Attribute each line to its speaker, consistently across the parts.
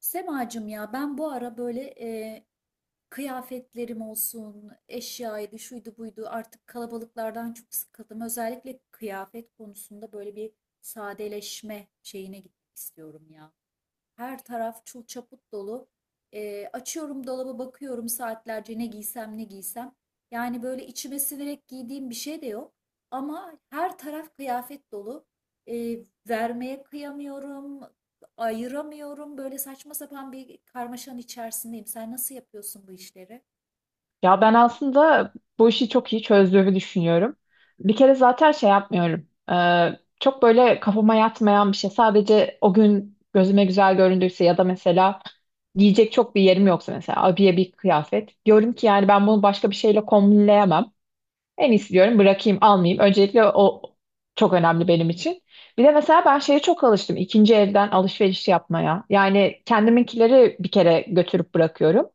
Speaker 1: Semacım ya ben bu ara böyle kıyafetlerim olsun, eşyaydı, şuydu buydu artık kalabalıklardan çok sıkıldım. Özellikle kıyafet konusunda böyle bir sadeleşme şeyine gitmek istiyorum ya. Her taraf çul çaput dolu. Açıyorum dolabı bakıyorum saatlerce ne giysem ne giysem. Yani böyle içime siverek giydiğim bir şey de yok. Ama her taraf kıyafet dolu. Vermeye kıyamıyorum, ayıramıyorum. Böyle saçma sapan bir karmaşanın içerisindeyim. Sen nasıl yapıyorsun bu işleri?
Speaker 2: Ya ben aslında bu işi çok iyi çözdüğümü düşünüyorum. Bir kere zaten şey yapmıyorum. Çok böyle kafama yatmayan bir şey. Sadece o gün gözüme güzel göründüyse ya da mesela giyecek çok bir yerim yoksa mesela abiye bir kıyafet. Diyorum ki yani ben bunu başka bir şeyle kombinleyemem. En iyisi diyorum bırakayım almayayım. Öncelikle o çok önemli benim için. Bir de mesela ben şeye çok alıştım. İkinci elden alışveriş yapmaya. Yani kendiminkileri bir kere götürüp bırakıyorum.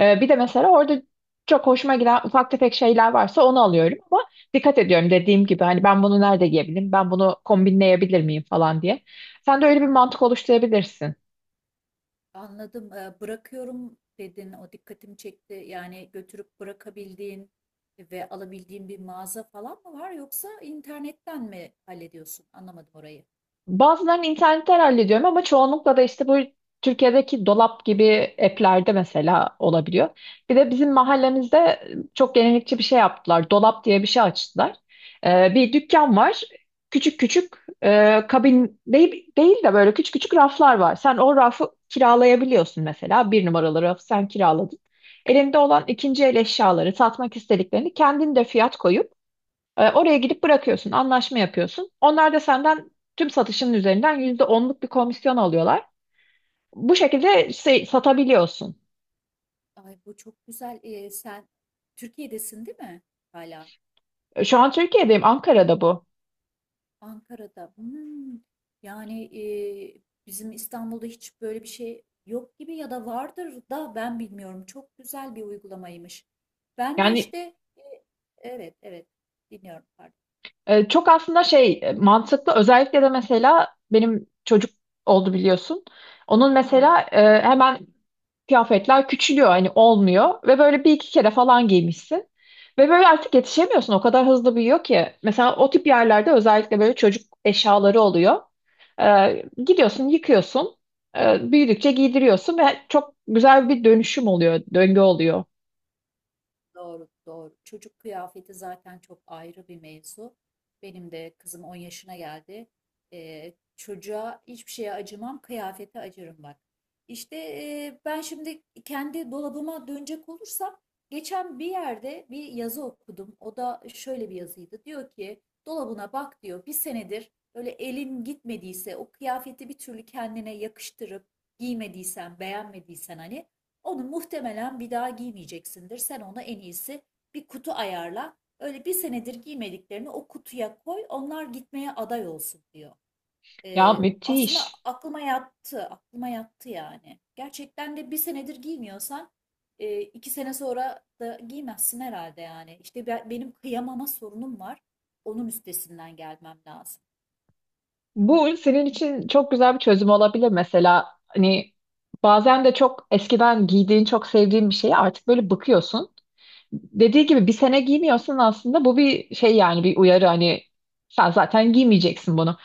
Speaker 2: Bir de mesela orada çok hoşuma giden ufak tefek şeyler varsa onu alıyorum ama dikkat ediyorum dediğim gibi hani ben bunu nerede giyebilirim, ben bunu kombinleyebilir miyim falan diye. Sen de öyle bir mantık oluşturabilirsin.
Speaker 1: Anladım. Bırakıyorum dedin. O dikkatimi çekti. Yani götürüp bırakabildiğin ve alabildiğin bir mağaza falan mı var yoksa internetten mi hallediyorsun? Anlamadım orayı.
Speaker 2: Bazılarını internetten hallediyorum ama çoğunlukla da işte bu Türkiye'deki dolap gibi app'lerde mesela olabiliyor. Bir de bizim mahallemizde çok gelenekçi bir şey yaptılar. Dolap diye bir şey açtılar. Bir dükkan var. Küçük küçük kabin değil de böyle küçük küçük raflar var. Sen o rafı kiralayabiliyorsun mesela. Bir numaralı rafı sen kiraladın. Elinde olan ikinci el eşyaları, satmak istediklerini kendin de fiyat koyup oraya gidip bırakıyorsun, anlaşma yapıyorsun. Onlar da senden tüm satışının üzerinden %10'luk bir komisyon alıyorlar. Bu şekilde satabiliyorsun.
Speaker 1: Ay bu çok güzel. Sen Türkiye'desin değil mi? Hala
Speaker 2: Şu an Türkiye'deyim, Ankara'da bu.
Speaker 1: Ankara'da. Hmm. Yani bizim İstanbul'da hiç böyle bir şey yok gibi ya da vardır da ben bilmiyorum. Çok güzel bir uygulamaymış. Ben de
Speaker 2: Yani
Speaker 1: işte e, evet, evet, dinliyorum, pardon.
Speaker 2: çok aslında mantıklı. Özellikle de mesela benim çocuk oldu biliyorsun. Onun mesela hemen kıyafetler küçülüyor, hani olmuyor ve böyle bir iki kere falan giymişsin. Ve böyle artık yetişemiyorsun. O kadar hızlı büyüyor ki. Mesela o tip yerlerde özellikle böyle çocuk eşyaları oluyor. Gidiyorsun, yıkıyorsun, büyüdükçe giydiriyorsun ve çok güzel bir dönüşüm oluyor, döngü oluyor.
Speaker 1: Doğru, doğru. Çocuk kıyafeti zaten çok ayrı bir mevzu. Benim de kızım 10 yaşına geldi. Çocuğa hiçbir şeye acımam, kıyafete acırım bak. İşte ben şimdi kendi dolabıma dönecek olursam, geçen bir yerde bir yazı okudum. O da şöyle bir yazıydı. Diyor ki, dolabına bak diyor, bir senedir böyle elin gitmediyse, o kıyafeti bir türlü kendine yakıştırıp giymediysen, beğenmediysen hani onu muhtemelen bir daha giymeyeceksindir. Sen ona en iyisi bir kutu ayarla. Öyle bir senedir giymediklerini o kutuya koy. Onlar gitmeye aday olsun diyor.
Speaker 2: Ya
Speaker 1: Aslında
Speaker 2: müthiş.
Speaker 1: aklıma yattı. Aklıma yattı yani. Gerçekten de bir senedir giymiyorsan 2 sene sonra da giymezsin herhalde yani. İşte benim kıyamama sorunum var. Onun üstesinden gelmem lazım.
Speaker 2: Bu senin için çok güzel bir çözüm olabilir mesela. Hani bazen de çok eskiden giydiğin, çok sevdiğin bir şeye artık böyle bakıyorsun. Dediği gibi bir sene giymiyorsun aslında, bu bir şey yani, bir uyarı hani sen zaten giymeyeceksin bunu.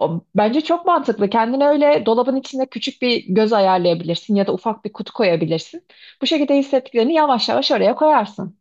Speaker 2: O, bence çok mantıklı. Kendine öyle dolabın içinde küçük bir göz ayarlayabilirsin ya da ufak bir kutu koyabilirsin. Bu şekilde hissettiklerini yavaş yavaş oraya koyarsın.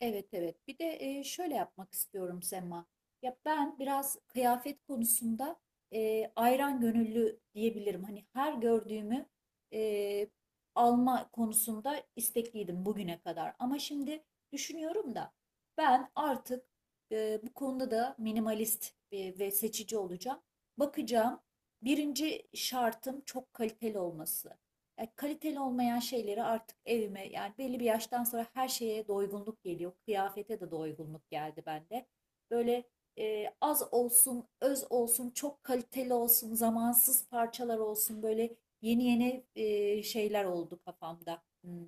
Speaker 1: Evet, evet. Bir de şöyle yapmak istiyorum Sema. Ya ben biraz kıyafet konusunda ayran gönüllü diyebilirim. Hani her gördüğümü e, alma konusunda istekliydim bugüne kadar. Ama şimdi düşünüyorum da ben artık bu konuda da minimalist ve seçici olacağım. Bakacağım. Birinci şartım çok kaliteli olması. Kaliteli olmayan şeyleri artık evime yani belli bir yaştan sonra her şeye doygunluk geliyor. Kıyafete de doygunluk geldi bende. Böyle az olsun, öz olsun, çok kaliteli olsun, zamansız parçalar olsun böyle yeni yeni şeyler oldu kafamda.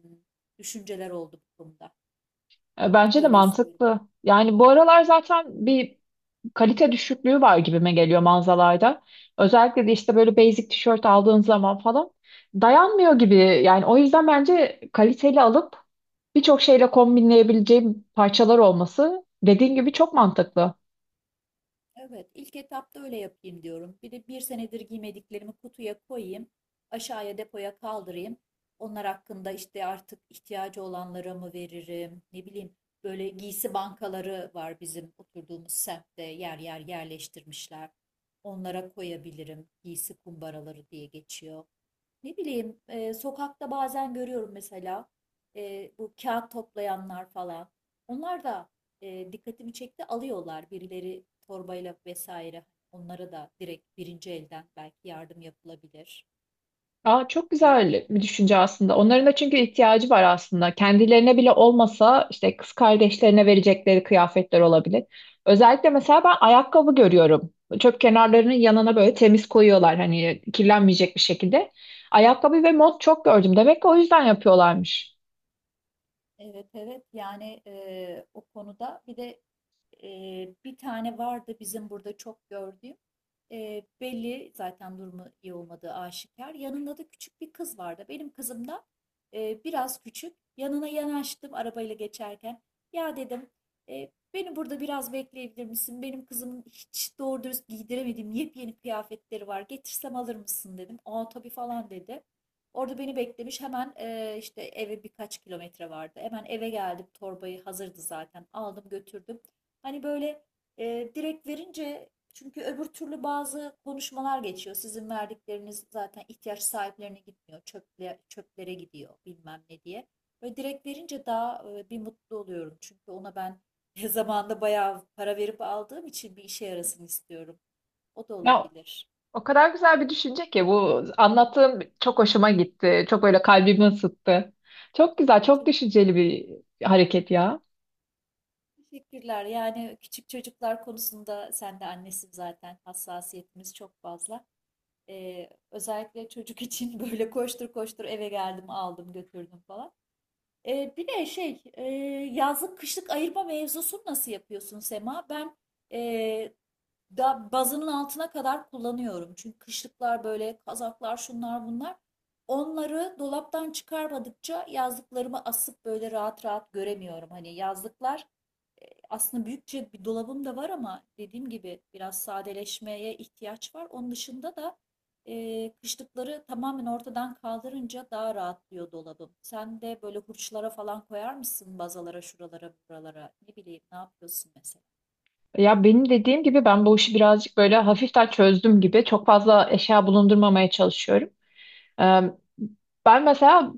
Speaker 1: Düşünceler oldu bu konuda.
Speaker 2: Bence de
Speaker 1: Öyle istiyorum.
Speaker 2: mantıklı. Yani bu aralar zaten bir kalite düşüklüğü var gibime geliyor mağazalarda. Özellikle de işte böyle basic tişört aldığın zaman falan dayanmıyor gibi. Yani o yüzden bence kaliteli alıp birçok şeyle kombinleyebileceğim parçalar olması dediğin gibi çok mantıklı.
Speaker 1: Evet, ilk etapta öyle yapayım diyorum. Bir de bir senedir giymediklerimi kutuya koyayım, aşağıya depoya kaldırayım. Onlar hakkında işte artık ihtiyacı olanlara mı veririm, ne bileyim. Böyle giysi bankaları var bizim oturduğumuz semtte yer yer yerleştirmişler. Onlara koyabilirim. Giysi kumbaraları diye geçiyor. Ne bileyim sokakta bazen görüyorum mesela bu kağıt toplayanlar falan. Onlar da dikkatimi çekti alıyorlar birileri torbayla vesaire. Onlara da direkt birinci elden belki yardım yapılabilir
Speaker 2: Aa, çok
Speaker 1: diye
Speaker 2: güzel bir
Speaker 1: düşünüyorum.
Speaker 2: düşünce aslında. Onların da çünkü ihtiyacı var aslında. Kendilerine bile olmasa işte kız kardeşlerine verecekleri kıyafetler olabilir. Özellikle mesela ben ayakkabı görüyorum. Çöp kenarlarının yanına böyle temiz koyuyorlar hani kirlenmeyecek bir şekilde. Ayakkabı ve mont çok gördüm. Demek ki o yüzden yapıyorlarmış.
Speaker 1: Evet, evet yani o konuda bir de e, bir tane vardı bizim burada çok gördüğüm. Belli zaten durumu iyi olmadığı aşikar, yanında da küçük bir kız vardı, benim kızım da biraz küçük. Yanına yanaştım arabayla geçerken, ya dedim, Beni burada biraz bekleyebilir misin, benim kızımın hiç doğru dürüst giydiremediğim yepyeni kıyafetleri var, getirsem alır mısın?" dedim. "Aa tabii" falan dedi. Orada beni beklemiş. Hemen işte eve birkaç kilometre vardı. Hemen eve geldim. Torbayı hazırdı zaten. Aldım götürdüm. Hani böyle direkt verince çünkü öbür türlü bazı konuşmalar geçiyor. Sizin verdikleriniz zaten ihtiyaç sahiplerine gitmiyor. Çöple, çöplere gidiyor bilmem ne diye. Böyle direkt verince daha bir mutlu oluyorum. Çünkü ona ben zamanında bayağı para verip aldığım için bir işe yarasın istiyorum. O da
Speaker 2: Ya
Speaker 1: olabilir.
Speaker 2: o kadar güzel bir düşünce ki bu, anlattığım çok hoşuma gitti. Çok böyle kalbimi ısıttı. Çok güzel, çok
Speaker 1: Çünkü.
Speaker 2: düşünceli bir hareket ya.
Speaker 1: Teşekkürler. Yani küçük çocuklar konusunda sen de annesin zaten. Hassasiyetimiz çok fazla. Özellikle çocuk için böyle koştur koştur eve geldim, aldım, götürdüm falan. Bir de şey, yazlık kışlık ayırma mevzusunu nasıl yapıyorsun Sema? Ben e, da bazının altına kadar kullanıyorum. Çünkü kışlıklar böyle kazaklar şunlar bunlar. Onları dolaptan çıkarmadıkça yazlıklarımı asıp böyle rahat rahat göremiyorum. Hani yazlıklar aslında büyükçe bir dolabım da var ama dediğim gibi biraz sadeleşmeye ihtiyaç var. Onun dışında da kışlıkları tamamen ortadan kaldırınca daha rahatlıyor dolabım. Sen de böyle hurçlara falan koyar mısın bazalara, şuralara, buralara? Ne bileyim, ne yapıyorsun mesela?
Speaker 2: Ya benim dediğim gibi ben bu işi birazcık böyle hafiften çözdüm gibi. Çok fazla eşya bulundurmamaya çalışıyorum. Ee, Ben mesela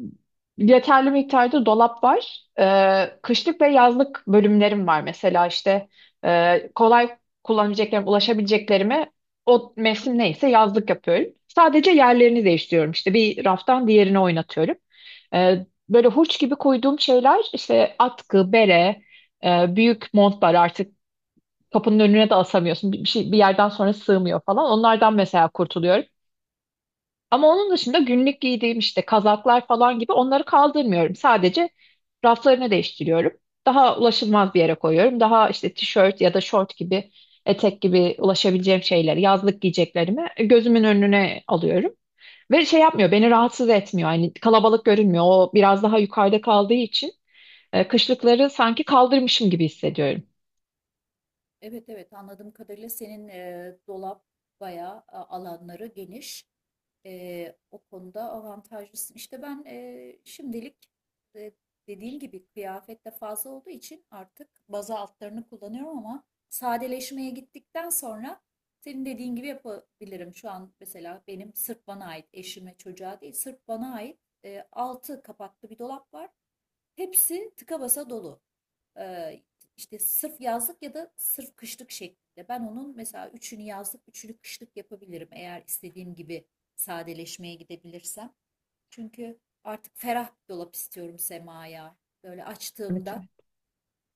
Speaker 2: yeterli miktarda dolap var. Kışlık ve yazlık bölümlerim var mesela işte. Kolay kullanabileceklerim, ulaşabileceklerimi o mevsim neyse yazlık yapıyorum. Sadece yerlerini değiştiriyorum, işte bir raftan diğerine oynatıyorum. Böyle hurç gibi koyduğum şeyler işte atkı, bere, büyük montlar artık kapının önüne de asamıyorsun. Bir şey bir yerden sonra sığmıyor falan. Onlardan mesela kurtuluyorum. Ama onun dışında günlük giydiğim işte kazaklar falan gibi, onları kaldırmıyorum. Sadece raflarını değiştiriyorum. Daha ulaşılmaz bir yere koyuyorum. Daha işte tişört ya da şort gibi, etek gibi ulaşabileceğim şeyleri, yazlık giyeceklerimi gözümün önüne alıyorum. Ve şey yapmıyor, beni rahatsız etmiyor. Yani kalabalık görünmüyor. O biraz daha yukarıda kaldığı için. Kışlıkları sanki kaldırmışım gibi hissediyorum.
Speaker 1: Evet, evet anladığım kadarıyla senin dolap bayağı alanları geniş. O konuda avantajlısın. İşte ben şimdilik e, dediğim gibi kıyafet de fazla olduğu için artık baza altlarını kullanıyorum ama sadeleşmeye gittikten sonra senin dediğin gibi yapabilirim. Şu an mesela benim sırf bana ait, eşime, çocuğa değil, sırf bana ait altı kapaklı bir dolap var. Hepsi tıka basa dolu. Ee, işte sırf yazlık ya da sırf kışlık şeklinde. Ben onun mesela üçünü yazlık, üçünü kışlık yapabilirim eğer istediğim gibi sadeleşmeye gidebilirsem. Çünkü artık ferah bir dolap istiyorum Sema'ya. Böyle
Speaker 2: Evet,
Speaker 1: açtığımda
Speaker 2: evet.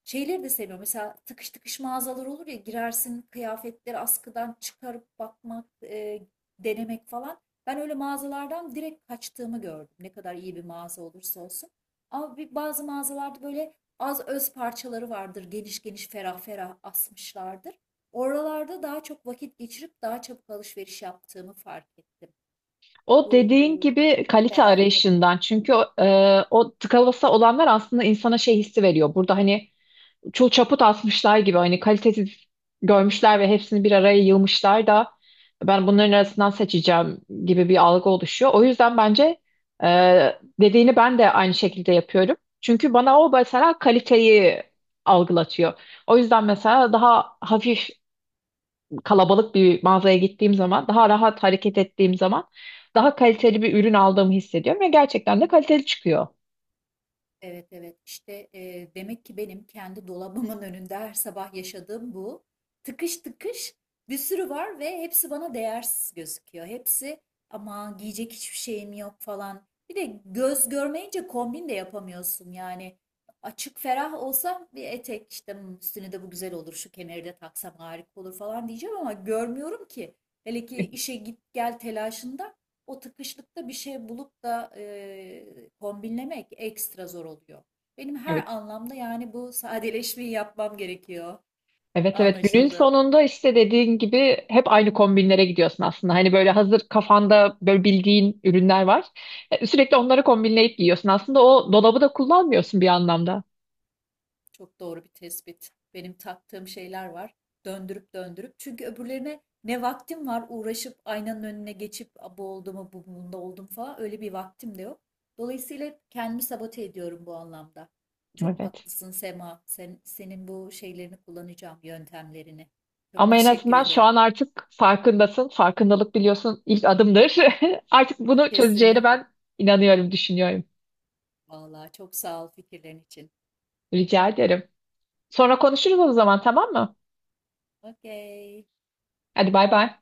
Speaker 1: şeyleri de seviyorum. Mesela tıkış tıkış mağazalar olur ya, girersin kıyafetleri askıdan çıkarıp bakmak, denemek falan. Ben öyle mağazalardan direkt kaçtığımı gördüm. Ne kadar iyi bir mağaza olursa olsun. Ama bir, bazı mağazalarda böyle az öz parçaları vardır. Geniş geniş ferah ferah asmışlardır. Oralarda daha çok vakit geçirip daha çabuk alışveriş yaptığımı fark ettim.
Speaker 2: O
Speaker 1: Bu
Speaker 2: dediğin gibi kalite
Speaker 1: ferahlık.
Speaker 2: arayışından, çünkü o tıka basa olanlar aslında insana şey hissi veriyor. Burada hani çul çaput asmışlar gibi, hani kalitesiz görmüşler ve hepsini bir araya yığmışlar da ben bunların arasından seçeceğim gibi bir algı oluşuyor. O yüzden bence dediğini ben de aynı şekilde yapıyorum. Çünkü bana o mesela kaliteyi algılatıyor. O yüzden mesela daha hafif kalabalık bir mağazaya gittiğim zaman, daha rahat hareket ettiğim zaman daha kaliteli bir ürün aldığımı hissediyorum ve gerçekten de kaliteli çıkıyor.
Speaker 1: Evet, evet işte demek ki benim kendi dolabımın önünde her sabah yaşadığım bu tıkış tıkış bir sürü var ve hepsi bana değersiz gözüküyor. Hepsi ama giyecek hiçbir şeyim yok falan. Bir de göz görmeyince kombin de yapamıyorsun yani. Açık ferah olsam bir etek işte, "Hmm, üstüne de bu güzel olur, şu kemeri de taksam harika olur" falan diyeceğim ama görmüyorum ki. Hele ki işe git gel telaşında o tıkışlıkta bir şey bulup da kombinlemek ekstra zor oluyor. Benim
Speaker 2: Evet,
Speaker 1: her anlamda yani bu sadeleşmeyi yapmam gerekiyor.
Speaker 2: evet, evet, günün
Speaker 1: Anlaşıldı.
Speaker 2: sonunda işte dediğin gibi hep aynı kombinlere gidiyorsun aslında. Hani böyle hazır kafanda böyle bildiğin ürünler var. Sürekli onları kombinleyip giyiyorsun. Aslında o dolabı da kullanmıyorsun bir anlamda.
Speaker 1: Çok doğru bir tespit. Benim taktığım şeyler var. Döndürüp döndürüp. Çünkü öbürlerine ne vaktim var uğraşıp aynanın önüne geçip bu oldu mu, bu bunda oldum falan, öyle bir vaktim de yok. Dolayısıyla hep kendimi sabote ediyorum bu anlamda. Çok
Speaker 2: Evet.
Speaker 1: haklısın Sema. Sen, senin bu şeylerini kullanacağım, yöntemlerini. Çok
Speaker 2: Ama en
Speaker 1: teşekkür
Speaker 2: azından şu
Speaker 1: ederim.
Speaker 2: an artık farkındasın. Farkındalık biliyorsun ilk adımdır. Artık bunu çözeceğine
Speaker 1: Kesinlikle.
Speaker 2: ben inanıyorum, düşünüyorum.
Speaker 1: Vallahi çok sağ ol fikirlerin için.
Speaker 2: Rica ederim. Sonra konuşuruz o zaman, tamam mı?
Speaker 1: Okey.
Speaker 2: Hadi bay bay.